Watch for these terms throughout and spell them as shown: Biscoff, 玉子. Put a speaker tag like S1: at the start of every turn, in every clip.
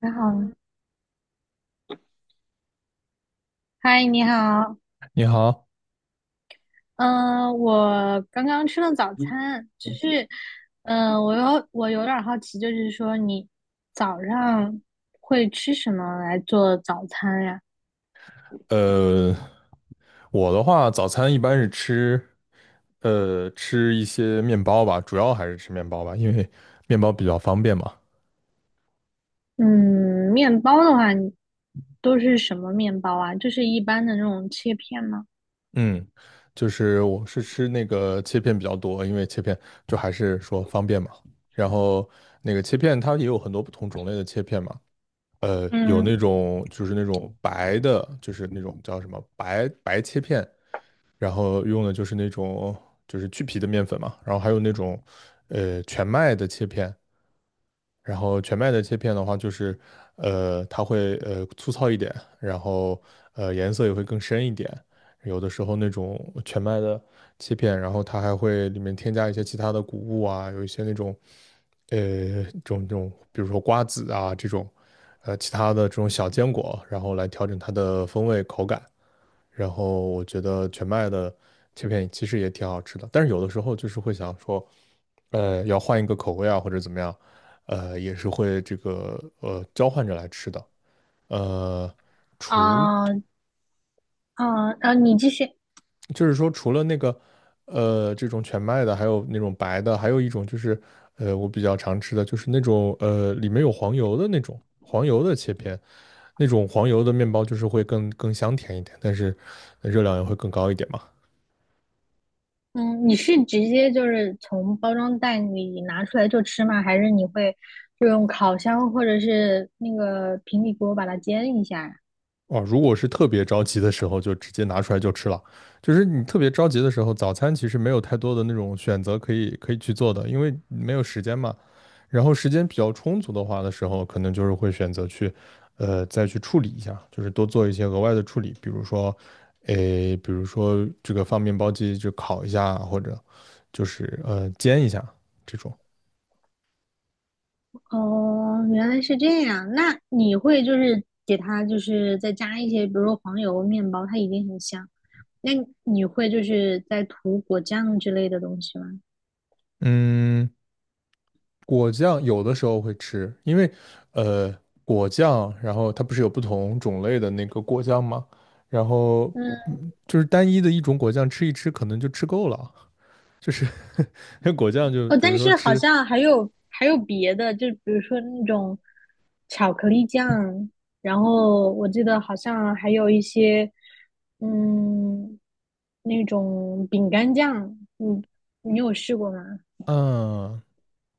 S1: 你好，嗨，你好，
S2: 你好，
S1: 嗯、我刚刚吃了早餐，我有点儿好奇，就是说你早上会吃什么来做早餐呀？
S2: 呃，我的话，早餐一般是吃，吃一些面包吧，主要还是吃面包吧，因为面包比较方便嘛。
S1: 嗯，面包的话，你都是什么面包啊？就是一般的那种切片吗？
S2: 嗯，就是我是吃那个切片比较多，因为切片就还是说方便嘛。然后那个切片它也有很多不同种类的切片嘛，有
S1: 嗯，
S2: 那种就是那种白的，就是那种叫什么白白切片，然后用的就是那种就是去皮的面粉嘛，然后还有那种全麦的切片，然后全麦的切片的话就是它会粗糙一点，然后颜色也会更深一点，有的时候那种全麦的切片，然后它还会里面添加一些其他的谷物啊，有一些那种呃这种比如说瓜子啊这种其他的这种小坚果，然后来调整它的风味口感。然后我觉得全麦的切片其实也挺好吃的，但是有的时候就是会想说，要换一个口味啊，或者怎么样，也是会这个交换着来吃的。呃，除
S1: 啊、啊，你继续。
S2: 就是说除了那个这种全麦的，还有那种白的，还有一种就是我比较常吃的就是那种里面有黄油的那种黄油的切片，那种黄油的面包就是会更香甜一点，但是热量也会更高一点嘛。
S1: 嗯，你是直接就是从包装袋里拿出来就吃吗？还是你会就用烤箱或者是那个平底锅把它煎一下呀？
S2: 哦，如果是特别着急的时候，就直接拿出来就吃了。就是你特别着急的时候，早餐其实没有太多的那种选择可以去做的，因为没有时间嘛。然后时间比较充足的话的时候，可能就是会选择去，再去处理一下，就是多做一些额外的处理，比如说，诶，比如说这个放面包机就烤一下，或者就是煎一下这种。
S1: 哦，原来是这样。那你会就是给它就是再加一些，比如说黄油面包，它已经很香。那你会就是再涂果酱之类的东西吗？
S2: 嗯，果酱有的时候会吃，因为呃果酱，然后它不是有不同种类的那个果酱吗？然后
S1: 嗯。
S2: 嗯就是单一的一种果酱吃一吃，可能就吃够了，就是 果酱就
S1: 哦，
S2: 比如
S1: 但
S2: 说
S1: 是好
S2: 吃，
S1: 像还有别的，就比如说那种巧克力酱，然后我记得好像还有一些，嗯，那种饼干酱，嗯，你有试过吗？
S2: 嗯，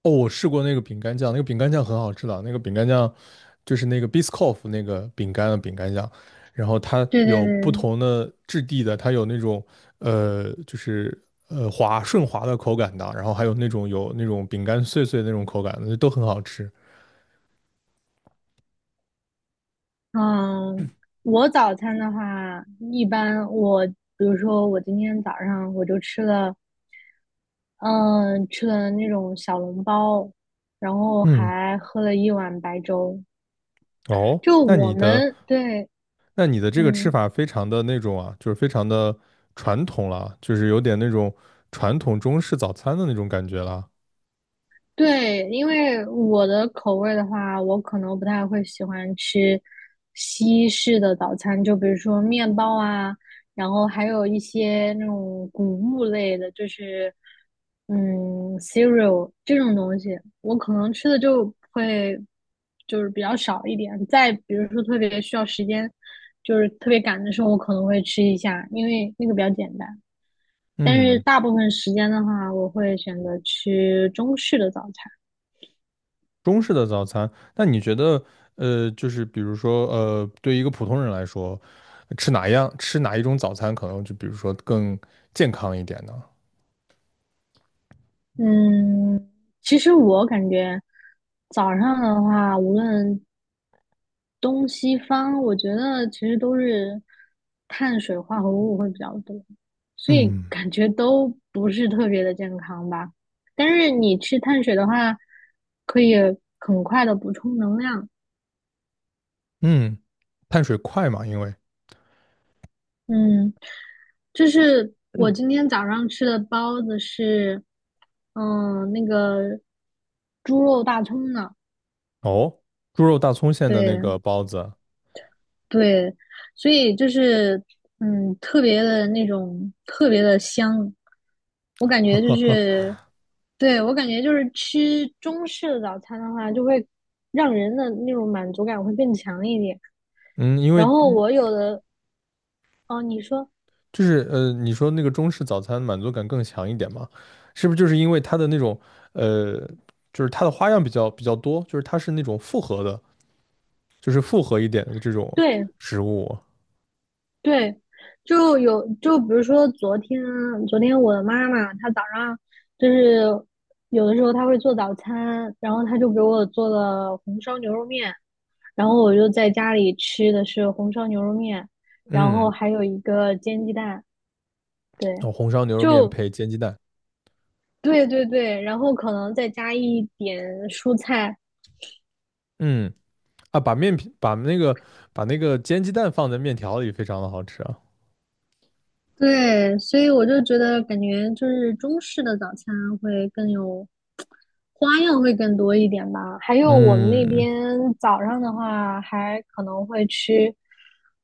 S2: 哦，我试过那个饼干酱，那个饼干酱很好吃的，那个饼干酱就是那个 Biscoff 那个饼干的饼干酱，然后它
S1: 对对
S2: 有不
S1: 对，
S2: 同的质地的，它有那种就是滑顺滑的口感的，然后还有那种有那种饼干碎碎的那种口感的，都很好吃。
S1: 嗯，我早餐的话，一般我比如说我今天早上我就吃了，嗯，吃了那种小笼包，然后
S2: 嗯，
S1: 还喝了一碗白粥。
S2: 哦，
S1: 就
S2: 那
S1: 我
S2: 你的
S1: 们对
S2: 那你的这个吃
S1: 嗯，
S2: 法非常的那种啊，就是非常的传统了啊，就是有点那种传统中式早餐的那种感觉了。
S1: 对，因为我的口味的话，我可能不太会喜欢吃西式的早餐，就比如说面包啊，然后还有一些那种谷物类的，就是嗯，cereal 这种东西，我可能吃的就会就是比较少一点。再比如说特别需要时间，就是特别赶的时候，我可能会吃一下，因为那个比较简单。但是
S2: 嗯。
S1: 大部分时间的话，我会选择吃中式的早餐。
S2: 中式的早餐，那你觉得，就是比如说，对一个普通人来说，吃哪样，吃哪一种早餐，可能就比如说更健康一点呢？
S1: 嗯，其实我感觉早上的话，无论东西方，我觉得其实都是碳水化合物会比较多，所以
S2: 嗯
S1: 感觉都不是特别的健康吧。但是你吃碳水的话，可以很快的补充能量。
S2: 嗯，碳水快嘛，因为
S1: 嗯，就是我今天早上吃的包子是，嗯，那个猪肉大葱的，
S2: 哦，猪肉大葱馅的那
S1: 对
S2: 个包子，
S1: 对，所以就是嗯，特别的那种特别的香，我感
S2: 哈
S1: 觉就
S2: 哈哈，
S1: 是，对，我感觉就是吃中式的早餐的话，就会让人的那种满足感会更强一点。
S2: 嗯，因为
S1: 然后我有的，哦，你说，
S2: 就是你说那个中式早餐满足感更强一点嘛，是不是就是因为它的那种呃，就是它的花样比较多，就是它是那种复合的，就是复合一点的这种
S1: 对
S2: 食物。
S1: 对，就有就比如说昨天，昨天我的妈妈她早上就是有的时候她会做早餐，然后她就给我做了红烧牛肉面，然后我就在家里吃的是红烧牛肉面，然后
S2: 嗯，
S1: 还有一个煎鸡蛋，对，
S2: 哦红烧牛肉面
S1: 就
S2: 配煎鸡蛋，
S1: 对对对，然后可能再加一点蔬菜，
S2: 嗯啊，把那个煎鸡蛋放在面条里，非常的好吃啊。
S1: 对，所以我就觉得感觉就是中式的早餐会更有花样，会更多一点吧。还有我们那
S2: 嗯
S1: 边早上的话，还可能会吃，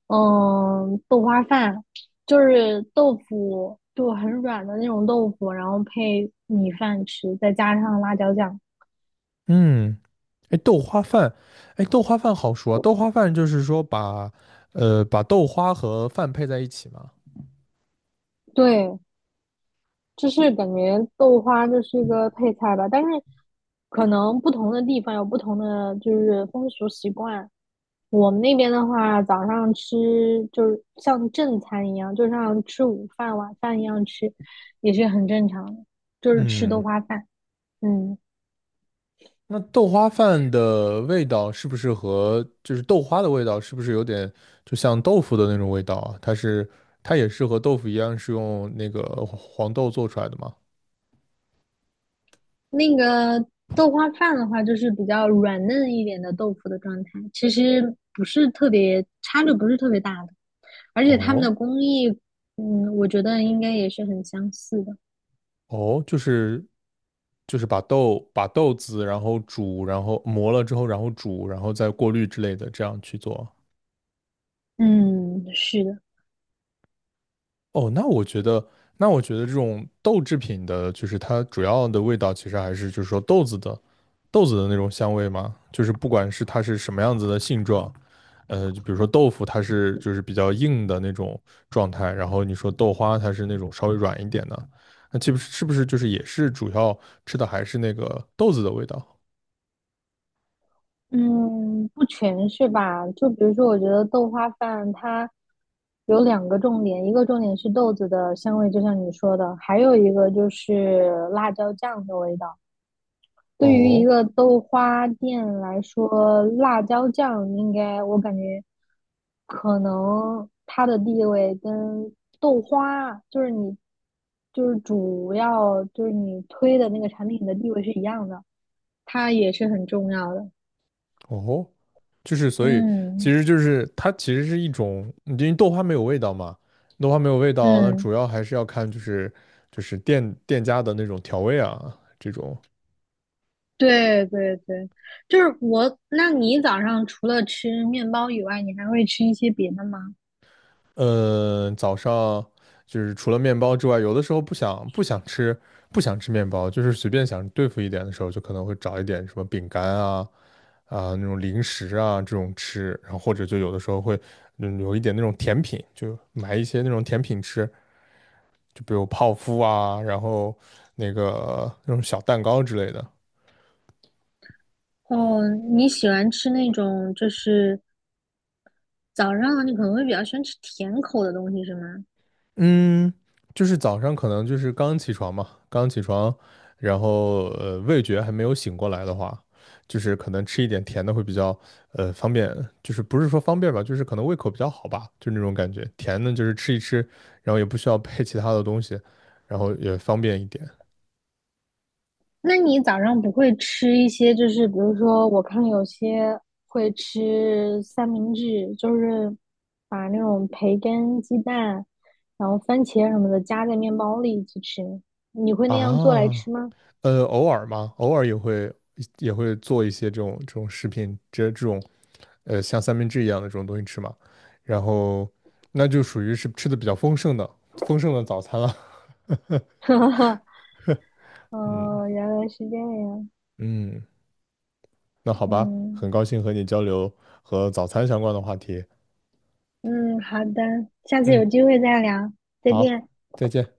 S1: 嗯，豆花饭，就是豆腐，就很软的那种豆腐，然后配米饭吃，再加上辣椒酱。
S2: 嗯，哎，豆花饭，哎，豆花饭好说啊，豆花饭就是说把把豆花和饭配在一起嘛。
S1: 对，就是感觉豆花这是一个配菜吧，但是可能不同的地方有不同的就是风俗习惯。我们那边的话，早上吃就是像正餐一样，就像吃午饭、晚饭一样吃，也是很正常的，就是吃豆
S2: 嗯，
S1: 花饭。嗯，
S2: 那豆花饭的味道是不是和就是豆花的味道是不是有点就像豆腐的那种味道啊？它是它也是和豆腐一样是用那个黄豆做出来的吗？
S1: 那个豆花饭的话，就是比较软嫩一点的豆腐的状态，其实不是特别差距，不是特别大的，而且他们的
S2: 哦。
S1: 工艺，嗯，我觉得应该也是很相似的。
S2: 哦，就是就是把豆子，然后煮，然后磨了之后，然后煮，然后再过滤之类的，这样去做。
S1: 嗯，是的。
S2: 哦，那我觉得这种豆制品的，就是它主要的味道，其实还是就是说豆子的那种香味嘛。就是不管是它是什么样子的性状，就比如说豆腐，它是就是比较硬的那种状态，然后你说豆花，它是那种稍微软一点的，那岂不是是不是就是也是主要吃的还是那个豆子的味道？
S1: 嗯，不全是吧？就比如说，我觉得豆花饭它有两个重点，一个重点是豆子的香味，就像你说的，还有一个就是辣椒酱的味道。对于一
S2: 哦
S1: 个豆花店来说，辣椒酱应该我感觉可能它的地位跟豆花，就是你就是主要就是你推的那个产品的地位是一样的，它也是很重要的。
S2: 哦，就是所以，其
S1: 嗯
S2: 实就是它其实是一种，因为豆花没有味道嘛，豆花没有味道，那
S1: 嗯。
S2: 主要还是要看就是就是店家的那种调味啊，这种，
S1: 对对对，就是我。那你早上除了吃面包以外，你还会吃一些别的吗？
S2: 嗯，早上就是除了面包之外，有的时候不想吃面包，就是随便想对付一点的时候，就可能会找一点什么饼干啊啊那种零食啊这种吃，然后或者就有的时候会嗯有一点那种甜品，就买一些那种甜品吃。就比如泡芙啊，然后那个那种小蛋糕之类的。
S1: 哦，你喜欢吃那种就是早上你可能会比较喜欢吃甜口的东西是吗？
S2: 嗯，就是早上可能就是刚起床嘛，刚起床，然后味觉还没有醒过来的话，就是可能吃一点甜的会比较方便，就是不是说方便吧，就是可能胃口比较好吧，就那种感觉。甜的就是吃一吃，然后也不需要配其他的东西，然后也方便一点
S1: 那你早上不会吃一些就是比如说我看有些会吃三明治，就是把那种培根、鸡蛋，然后番茄什么的夹在面包里去吃，你会那样做来
S2: 啊。
S1: 吃吗？
S2: 偶尔嘛，偶尔也会做一些这种食品，这种像三明治一样的这种东西吃嘛，然后那就属于是吃的比较丰盛的早餐了。嗯
S1: 哦，原来是这样。
S2: 嗯，那好吧，
S1: 嗯
S2: 很高兴和你交流和早餐相关的话题。
S1: 嗯，好的，下次
S2: 嗯，
S1: 有机会再聊，再
S2: 好，
S1: 见。
S2: 再见。